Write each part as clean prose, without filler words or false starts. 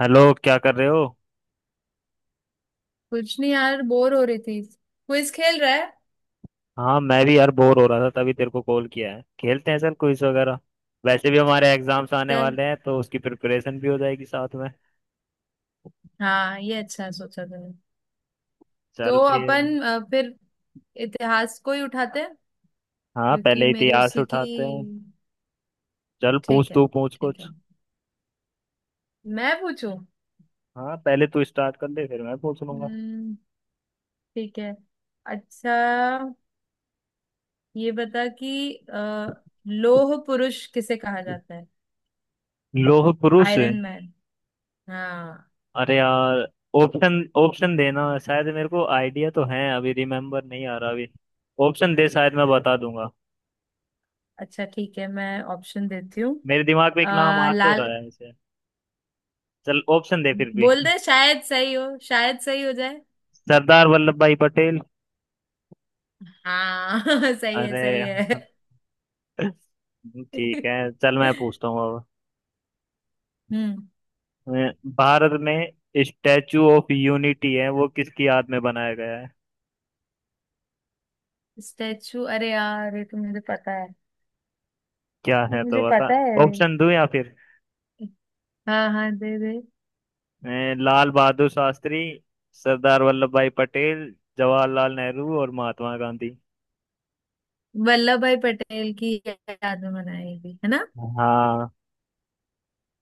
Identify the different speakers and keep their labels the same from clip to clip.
Speaker 1: Hello, क्या कर रहे हो?
Speaker 2: कुछ नहीं यार बोर हो रही थी क्विज खेल रहा है।
Speaker 1: हाँ, मैं भी यार बोर हो रहा था, तभी तेरे को कॉल किया है। खेलते हैं सर क्विज वगैरह। वैसे भी हमारे एग्जाम्स आने
Speaker 2: तो-
Speaker 1: वाले हैं तो उसकी प्रिपरेशन भी हो जाएगी साथ में।
Speaker 2: हाँ ये अच्छा है, सोचा तुमने।
Speaker 1: चल
Speaker 2: तो
Speaker 1: फिर।
Speaker 2: अपन फिर इतिहास को ही उठाते हैं,
Speaker 1: हाँ,
Speaker 2: क्योंकि
Speaker 1: पहले
Speaker 2: मेरी
Speaker 1: इतिहास
Speaker 2: उसी की।
Speaker 1: उठाते हैं। चल पूछ,
Speaker 2: ठीक है।
Speaker 1: तू पूछ
Speaker 2: ठीक
Speaker 1: कुछ।
Speaker 2: है। मैं पूछूं।
Speaker 1: हाँ, पहले तू स्टार्ट कर दे फिर मैं पूछ लूंगा।
Speaker 2: हम्म, ठीक है। अच्छा। ये बता कि लौह पुरुष किसे कहा जाता है।
Speaker 1: लोह पुरुष।
Speaker 2: Iron man. हाँ।
Speaker 1: अरे यार। ऑप्शन ऑप्शन देना शायद, मेरे को आइडिया तो है, अभी रिमेम्बर नहीं आ रहा अभी। ऑप्शन दे, शायद मैं बता दूंगा।
Speaker 2: अच्छा ठीक है, मैं ऑप्शन देती हूँ।
Speaker 1: मेरे दिमाग में
Speaker 2: अ,
Speaker 1: एक नाम आ तो रहा
Speaker 2: लाल।
Speaker 1: है ऐसे। चल ऑप्शन दे फिर भी।
Speaker 2: बोल दे शायद सही हो, शायद सही हो जाए।
Speaker 1: सरदार वल्लभ भाई पटेल।
Speaker 2: हाँ सही है सही
Speaker 1: अरे।
Speaker 2: है।
Speaker 1: ठीक है, चल मैं पूछता हूँ अब।
Speaker 2: हम्म।
Speaker 1: अ, भारत में स्टैचू ऑफ यूनिटी है, वो किसकी याद में बनाया गया है?
Speaker 2: स्टैचू अरे यार ये तो मुझे पता है।
Speaker 1: क्या
Speaker 2: तो
Speaker 1: है तो
Speaker 2: मुझे
Speaker 1: बता।
Speaker 2: पता है।
Speaker 1: ऑप्शन दूं या फिर?
Speaker 2: हाँ हाँ दे दे।
Speaker 1: लाल बहादुर शास्त्री, सरदार वल्लभ भाई पटेल, जवाहरलाल नेहरू और महात्मा गांधी।
Speaker 2: वल्लभ भाई पटेल की याद में बनाएगी है ना।
Speaker 1: हाँ।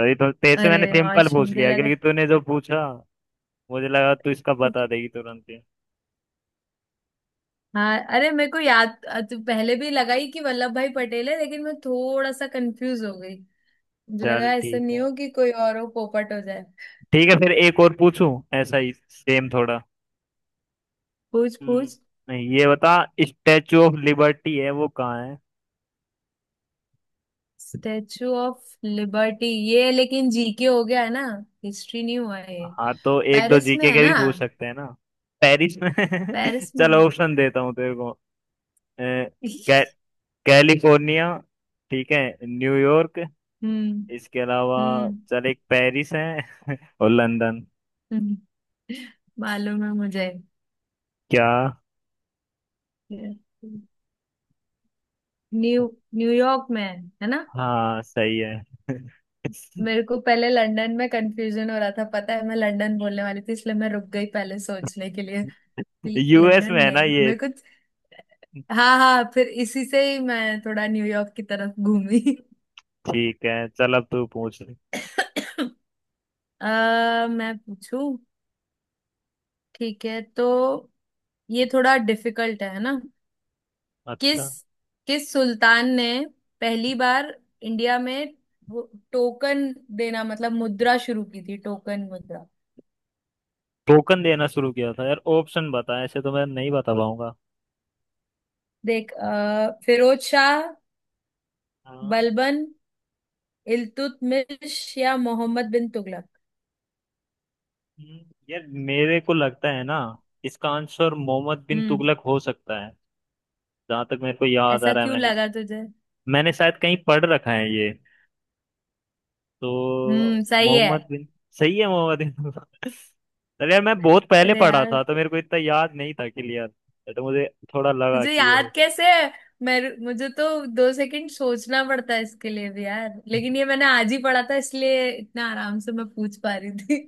Speaker 1: सही, तो तेरे से
Speaker 2: अरे
Speaker 1: मैंने सिंपल
Speaker 2: हाश
Speaker 1: पूछ
Speaker 2: मुझे
Speaker 1: लिया,
Speaker 2: लगा।
Speaker 1: क्योंकि तूने जो पूछा, मुझे लगा तू इसका बता देगी तुरंत ही।
Speaker 2: हाँ अरे मेरे को याद तो पहले भी लगा ही कि वल्लभ भाई पटेल है, लेकिन मैं थोड़ा सा कंफ्यूज हो गई। मुझे
Speaker 1: चल
Speaker 2: लगा ऐसा
Speaker 1: ठीक
Speaker 2: नहीं
Speaker 1: है।
Speaker 2: हो कि कोई और हो, पोपट हो जाए।
Speaker 1: ठीक है, फिर एक और पूछूं? ऐसा ही सेम थोड़ा।
Speaker 2: पूछ
Speaker 1: हम्म,
Speaker 2: पूछ।
Speaker 1: नहीं, ये बता। स्टेचू ऑफ लिबर्टी है वो कहाँ है?
Speaker 2: स्टेचू ऑफ लिबर्टी ये लेकिन जीके हो गया है ना। हिस्ट्री नहीं हुआ ये।
Speaker 1: हाँ तो एक दो
Speaker 2: पेरिस में
Speaker 1: जीके
Speaker 2: है
Speaker 1: के भी
Speaker 2: ना।
Speaker 1: पूछ सकते हैं ना। पेरिस में
Speaker 2: पेरिस में।
Speaker 1: चलो ऑप्शन देता हूँ तेरे को। कै, कैलिफोर्निया, ठीक है, न्यूयॉर्क,
Speaker 2: हम्म।
Speaker 1: इसके अलावा
Speaker 2: हम्म।
Speaker 1: चल एक पेरिस है, और लंदन।
Speaker 2: हम्म, मालूम है मुझे।
Speaker 1: क्या?
Speaker 2: न्यू न्यूयॉर्क में है। है ना।
Speaker 1: हाँ सही है।
Speaker 2: मेरे को पहले लंदन में कंफ्यूजन हो रहा था, पता है मैं लंदन बोलने वाली थी इसलिए मैं रुक गई पहले सोचने के लिए कि
Speaker 1: यूएस
Speaker 2: लंदन
Speaker 1: में है ना
Speaker 2: नहीं
Speaker 1: ये?
Speaker 2: मेरे को। हाँ हाँ फिर इसी से ही मैं थोड़ा न्यूयॉर्क की तरफ घूमी।
Speaker 1: ठीक है चल अब तू पूछ ले।
Speaker 2: मैं पूछू। ठीक है तो ये थोड़ा डिफिकल्ट है ना। किस
Speaker 1: अच्छा।
Speaker 2: किस सुल्तान ने पहली बार इंडिया में वो टोकन देना मतलब मुद्रा शुरू की थी, टोकन मुद्रा।
Speaker 1: टोकन देना शुरू किया था? यार ऑप्शन बता, ऐसे तो मैं नहीं बता पाऊंगा।
Speaker 2: देख फिरोज शाह,
Speaker 1: हाँ।
Speaker 2: बलबन, इल्तुतमिश या मोहम्मद बिन तुगलक।
Speaker 1: हम्म, यार मेरे को लगता है ना, इसका आंसर मोहम्मद बिन
Speaker 2: हम्म।
Speaker 1: तुगलक हो सकता है। जहां तक मेरे को याद आ
Speaker 2: ऐसा
Speaker 1: रहा है,
Speaker 2: क्यों
Speaker 1: मैंने
Speaker 2: लगा तुझे।
Speaker 1: मैंने शायद कहीं पढ़ रखा है ये। तो
Speaker 2: सही है।
Speaker 1: मोहम्मद बिन। सही है, मोहम्मद बिन तुगलक। अरे यार, मैं बहुत पहले
Speaker 2: अरे
Speaker 1: पढ़ा
Speaker 2: यार
Speaker 1: था तो मेरे को इतना याद नहीं था क्लियर। तो मुझे थोड़ा लगा
Speaker 2: तुझे
Speaker 1: कि ये हो।
Speaker 2: याद कैसे है। मैं मुझे तो 2 सेकंड सोचना पड़ता है इसके लिए भी यार, लेकिन ये मैंने आज ही पढ़ा था इसलिए इतना आराम से मैं पूछ पा रही थी।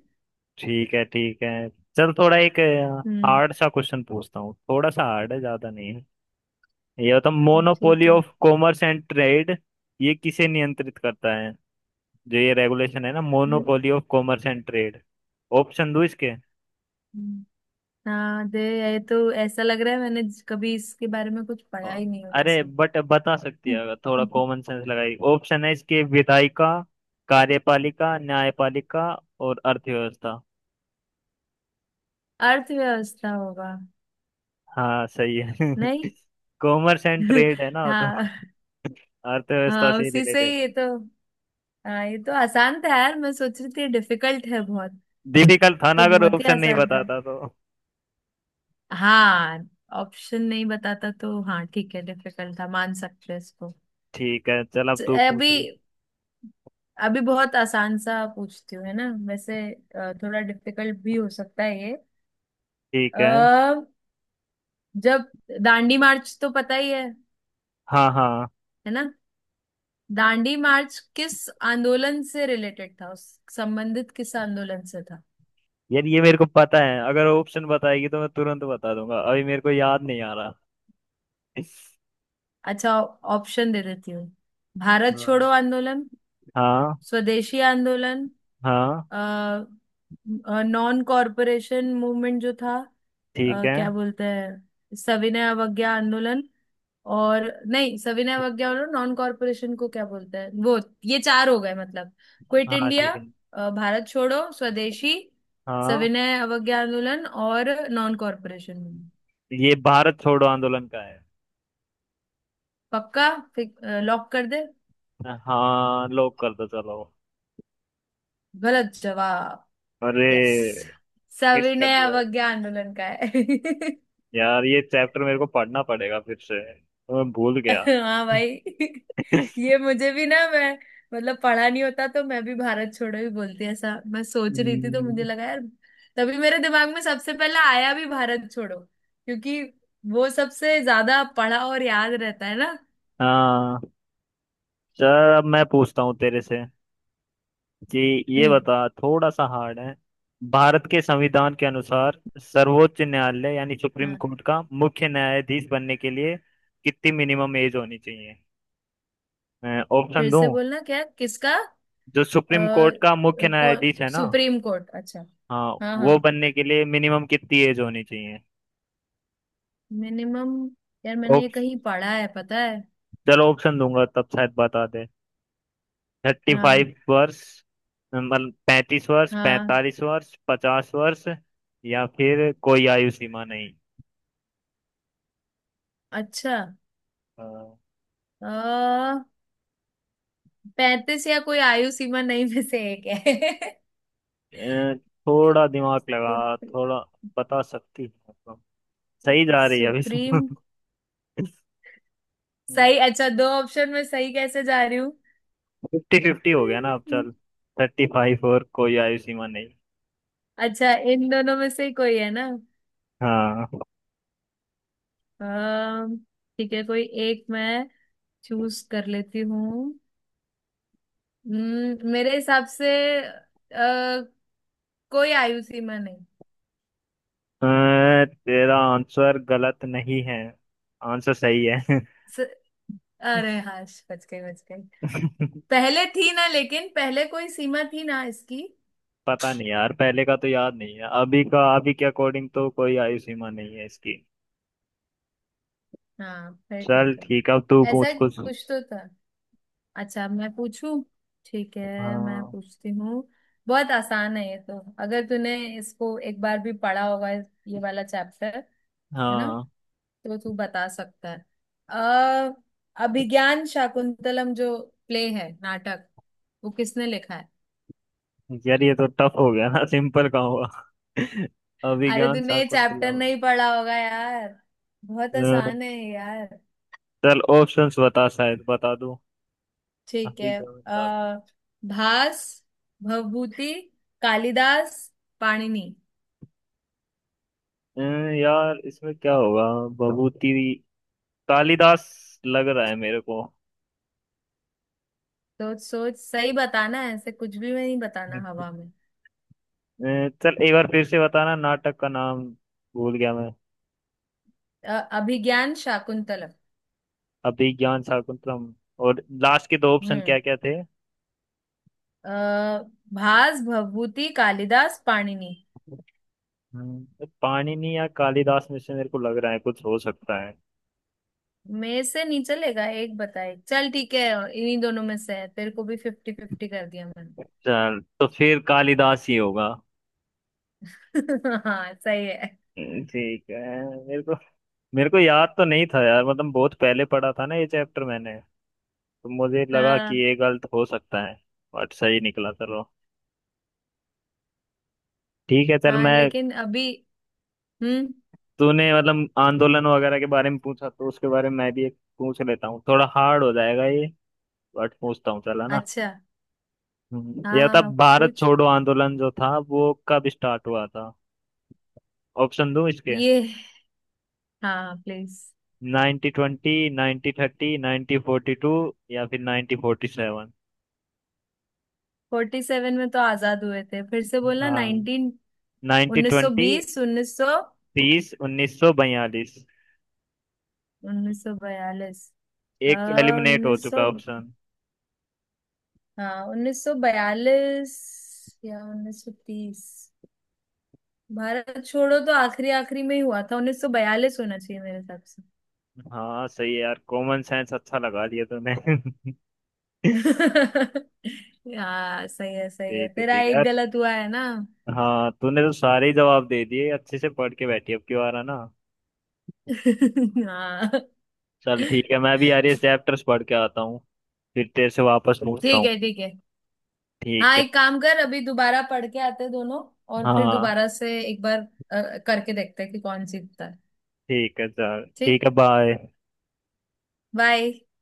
Speaker 1: ठीक है, ठीक है। चल थोड़ा एक
Speaker 2: हम्म।
Speaker 1: हार्ड सा क्वेश्चन पूछता हूँ, थोड़ा सा हार्ड है, ज्यादा नहीं है। ये होता
Speaker 2: ठीक
Speaker 1: मोनोपोली
Speaker 2: है।
Speaker 1: Of commerce and trade. ये किसे नियंत्रित करता है? जो ये रेगुलेशन है ना,
Speaker 2: हम्म,
Speaker 1: monopoly of commerce and trade. Option दो इसके।
Speaker 2: हम्म। हाँ दे। ये तो ऐसा लग रहा है मैंने कभी इसके बारे में कुछ
Speaker 1: अ,
Speaker 2: पढ़ा ही नहीं हो
Speaker 1: अरे
Speaker 2: जैसे।
Speaker 1: बट बता सकती है अगर थोड़ा कॉमन सेंस लगाई। ऑप्शन है इसके: विधायिका, कार्यपालिका, न्यायपालिका और अर्थव्यवस्था।
Speaker 2: अर्थव्यवस्था होगा।
Speaker 1: हाँ सही
Speaker 2: नहीं।
Speaker 1: है। कॉमर्स एंड ट्रेड है ना, तो
Speaker 2: हाँ।
Speaker 1: अर्थव्यवस्था
Speaker 2: हाँ
Speaker 1: से ही
Speaker 2: उसी से
Speaker 1: रिलेटेड
Speaker 2: ही
Speaker 1: है।
Speaker 2: ये तो। हाँ ये तो आसान था यार, मैं सोच रही थी डिफिकल्ट है बहुत।
Speaker 1: डिफिकल्ट था ना,
Speaker 2: तो
Speaker 1: अगर
Speaker 2: बहुत ही
Speaker 1: ऑप्शन नहीं
Speaker 2: आसान था।
Speaker 1: बताता तो।
Speaker 2: हाँ, ऑप्शन नहीं बताता तो हाँ ठीक है डिफिकल्ट था, मान सकते हैं इसको।
Speaker 1: ठीक है, चल अब
Speaker 2: तो
Speaker 1: तू
Speaker 2: अभी
Speaker 1: पूछ।
Speaker 2: अभी बहुत आसान सा पूछती हूँ है ना वैसे। थोड़ा डिफिकल्ट भी हो सकता है ये।
Speaker 1: ठीक
Speaker 2: अ,
Speaker 1: है।
Speaker 2: जब दांडी मार्च तो पता ही है।
Speaker 1: हाँ, हाँ।
Speaker 2: है ना। दांडी मार्च किस आंदोलन से रिलेटेड था, उस संबंधित किस आंदोलन से था।
Speaker 1: यार ये मेरे को पता है, अगर ऑप्शन बताएगी तो मैं तुरंत बता दूंगा, अभी मेरे को याद नहीं आ रहा।
Speaker 2: अच्छा। ऑप्शन दे देती हूँ। भारत छोड़ो
Speaker 1: हाँ।
Speaker 2: आंदोलन,
Speaker 1: हाँ,
Speaker 2: स्वदेशी आंदोलन,
Speaker 1: हाँ।
Speaker 2: नॉन कॉरपोरेशन मूवमेंट जो था,
Speaker 1: ठीक है।
Speaker 2: क्या बोलते हैं सविनय अवज्ञा आंदोलन और नहीं सविनय अवज्ञा और नॉन कॉरपोरेशन को क्या बोलते हैं वो। ये चार हो गए मतलब। क्विट
Speaker 1: हाँ
Speaker 2: इंडिया।
Speaker 1: ठीक है।
Speaker 2: भारत छोड़ो, स्वदेशी,
Speaker 1: हाँ,
Speaker 2: सविनय अवज्ञा आंदोलन और नॉन कॉरपोरेशन मूवमेंट।
Speaker 1: ये भारत छोड़ो आंदोलन का है।
Speaker 2: पक्का। लॉक कर दे।
Speaker 1: हाँ लॉक कर दो, चलो।
Speaker 2: गलत जवाब।
Speaker 1: अरे।
Speaker 2: यस
Speaker 1: मिस कर
Speaker 2: सविनय
Speaker 1: दिया है।
Speaker 2: अवज्ञा आंदोलन का है।
Speaker 1: यार ये चैप्टर मेरे को पढ़ना पड़ेगा फिर से, तो मैं भूल गया।
Speaker 2: हाँ भाई। ये मुझे भी ना मैं मतलब पढ़ा नहीं होता तो मैं भी भारत छोड़ो ही बोलती, ऐसा मैं सोच रही थी तो मुझे
Speaker 1: हम्म,
Speaker 2: लगा यार। तभी मेरे दिमाग में सबसे पहला आया भी भारत छोड़ो, क्योंकि वो सबसे ज्यादा पढ़ा और याद रहता है ना।
Speaker 1: हाँ। चल अब मैं पूछता हूँ तेरे से। जी। ये
Speaker 2: हम्म।
Speaker 1: बता, थोड़ा सा हार्ड है। भारत के संविधान के अनुसार सर्वोच्च न्यायालय यानी सुप्रीम
Speaker 2: हाँ।
Speaker 1: कोर्ट का मुख्य न्यायाधीश बनने के लिए कितनी मिनिमम एज होनी चाहिए? मैं ऑप्शन
Speaker 2: फिर से
Speaker 1: दूं?
Speaker 2: बोलना क्या, किसका।
Speaker 1: जो सुप्रीम कोर्ट का मुख्य
Speaker 2: कौन।
Speaker 1: न्यायाधीश है ना,
Speaker 2: सुप्रीम कोर्ट अच्छा।
Speaker 1: हाँ,
Speaker 2: हाँ हाँ।
Speaker 1: वो बनने के लिए मिनिमम कितनी एज होनी चाहिए?
Speaker 2: मिनिमम। यार मैंने ये
Speaker 1: ऑप-
Speaker 2: कहीं पढ़ा है पता है।
Speaker 1: चलो ऑप्शन दूंगा तब शायद बता दे। थर्टी
Speaker 2: हाँ
Speaker 1: फाइव वर्ष मतलब 35 वर्ष,
Speaker 2: हाँ।
Speaker 1: 45 वर्ष, 50 वर्ष, या फिर कोई आयु सीमा
Speaker 2: अच्छा।
Speaker 1: नहीं।
Speaker 2: अ, 35 या कोई आयु सीमा नहीं में से एक है।
Speaker 1: अ, थोड़ा दिमाग लगा,
Speaker 2: सुप्रीम।
Speaker 1: थोड़ा बता सकती है तो। सही जा रही है अभी
Speaker 2: सुप्रीम।
Speaker 1: तो।
Speaker 2: सही अच्छा दो ऑप्शन में सही कैसे जा रही हूँ।
Speaker 1: फिफ्टी फिफ्टी हो गया ना अब,
Speaker 2: हम्म।
Speaker 1: चल। 35 और कोई आयु सीमा नहीं।
Speaker 2: अच्छा इन दोनों में से ही कोई है ना।
Speaker 1: हाँ।
Speaker 2: अम, ठीक है कोई एक मैं चूज कर लेती हूँ। मेरे हिसाब से आ, कोई आयु सीमा नहीं।
Speaker 1: अ, तेरा आंसर गलत नहीं है, आंसर सही है।
Speaker 2: स, अरे हाँ बच गई बच गई। पहले थी ना, लेकिन पहले कोई सीमा थी ना इसकी।
Speaker 1: पता नहीं यार, पहले का तो याद नहीं है, अभी का, अभी के अकॉर्डिंग तो कोई आयु सीमा नहीं है इसकी।
Speaker 2: हाँ फिर
Speaker 1: चल
Speaker 2: ठीक है।
Speaker 1: ठीक है, अब तू
Speaker 2: ऐसा
Speaker 1: पूछ कुछ।
Speaker 2: कुछ तो था। अच्छा अब मैं पूछूं। ठीक है मैं
Speaker 1: हाँ,
Speaker 2: पूछती हूँ। बहुत आसान है ये तो। अगर तूने इसको एक बार भी पढ़ा होगा ये वाला चैप्टर। है ना।
Speaker 1: हाँ।
Speaker 2: तो तू बता सकता है। अ अभिज्ञान शाकुंतलम जो प्ले है नाटक वो किसने लिखा है।
Speaker 1: यार ये तो टफ हो गया ना, सिंपल का हुआ।
Speaker 2: अरे
Speaker 1: अभिज्ञान
Speaker 2: तूने ये
Speaker 1: शाकुंतला।
Speaker 2: चैप्टर नहीं पढ़ा होगा यार। बहुत
Speaker 1: अ,
Speaker 2: आसान है ये यार।
Speaker 1: चल ऑप्शंस बता, शायद बता दो।
Speaker 2: ठीक है।
Speaker 1: अभिज्ञान
Speaker 2: आ, भास, भवभूति, कालिदास, पाणिनि।
Speaker 1: शाकुंतला। यार इसमें क्या होगा? भभूति, कालिदास, लग रहा है मेरे को।
Speaker 2: तो सोच सही बताना है, ऐसे कुछ भी मैं नहीं
Speaker 1: अ,
Speaker 2: बताना हवा में।
Speaker 1: चल एक बार फिर से बताना नाटक का नाम, भूल गया मैं।
Speaker 2: अ, अभिज्ञान शाकुंतलम।
Speaker 1: अभिज्ञान शाकुंतलम। और लास्ट के दो ऑप्शन क्या
Speaker 2: हम्म।
Speaker 1: क्या थे?
Speaker 2: आ, भास भवभूति कालिदास पाणिनि
Speaker 1: पाणिनि या कालिदास में से मेरे को लग रहा है कुछ हो सकता है।
Speaker 2: में से नहीं चलेगा एक बताए चल ठीक है। इन्हीं दोनों में से है, तेरे को भी फिफ्टी फिफ्टी कर दिया मैंने।
Speaker 1: चल तो फिर कालिदास ही होगा।
Speaker 2: हाँ सही है।
Speaker 1: ठीक है। मेरे को मेरे को याद तो नहीं था यार, मतलब बहुत पहले पढ़ा था ना ये चैप्टर मैंने। तो मुझे लगा
Speaker 2: हाँ
Speaker 1: कि ये गलत हो सकता है। बट सही निकला, चलो। ठीक है, चल
Speaker 2: हाँ
Speaker 1: मैं।
Speaker 2: लेकिन अभी। हम्म।
Speaker 1: तूने मतलब आंदोलन वगैरह के बारे में पूछा, तो उसके बारे में मैं भी एक पूछ लेता हूँ, थोड़ा हार्ड हो जाएगा ये, बट पूछता हूँ, चला ना।
Speaker 2: अच्छा। हाँ
Speaker 1: ये
Speaker 2: हाँ
Speaker 1: बता,
Speaker 2: हाँ
Speaker 1: भारत
Speaker 2: पूछ।
Speaker 1: छोड़ो आंदोलन जो था वो कब स्टार्ट हुआ था? ऑप्शन दूं इसके।
Speaker 2: ये हाँ प्लीज।
Speaker 1: 1920, 1930, 1942, या फिर 1947।
Speaker 2: 47 में तो आजाद हुए थे, फिर से बोलना नाइनटीन।
Speaker 1: नाइनटी
Speaker 2: उन्नीस सौ
Speaker 1: ट्वेंटी
Speaker 2: बीस
Speaker 1: तीस 1942।
Speaker 2: 1942।
Speaker 1: एक तो एलिमिनेट हो
Speaker 2: उन्नीस सौ
Speaker 1: चुका ऑप्शन।
Speaker 2: हाँ 1942 या 1930। भारत छोड़ो तो आखिरी आखिरी में ही हुआ था 1942 होना चाहिए मेरे हिसाब से।
Speaker 1: हाँ सही है यार, कॉमन सेंस अच्छा लगा दिया तूने। ठीक
Speaker 2: हाँ सही है सही
Speaker 1: है।
Speaker 2: है, तेरा
Speaker 1: ठीक
Speaker 2: एक
Speaker 1: है।
Speaker 2: गलत हुआ है ना।
Speaker 1: हाँ, तूने तो सारे ही जवाब दे दिए, अच्छे से पढ़ के बैठी अब की बार है ना।
Speaker 2: हाँ
Speaker 1: चल ठीक है, मैं भी यार ये चैप्टर्स पढ़ के आता हूँ, फिर तेरे से वापस पूछता
Speaker 2: ठीक
Speaker 1: हूँ।
Speaker 2: है ठीक है।
Speaker 1: ठीक
Speaker 2: हाँ
Speaker 1: है।
Speaker 2: एक काम कर अभी दोबारा पढ़ के आते हैं दोनों और फिर
Speaker 1: हाँ
Speaker 2: दोबारा से एक बार करके देखते हैं कि कौन जीतता है।
Speaker 1: ठीक है, चल ठीक है,
Speaker 2: ठीक।
Speaker 1: बाय।
Speaker 2: बाय।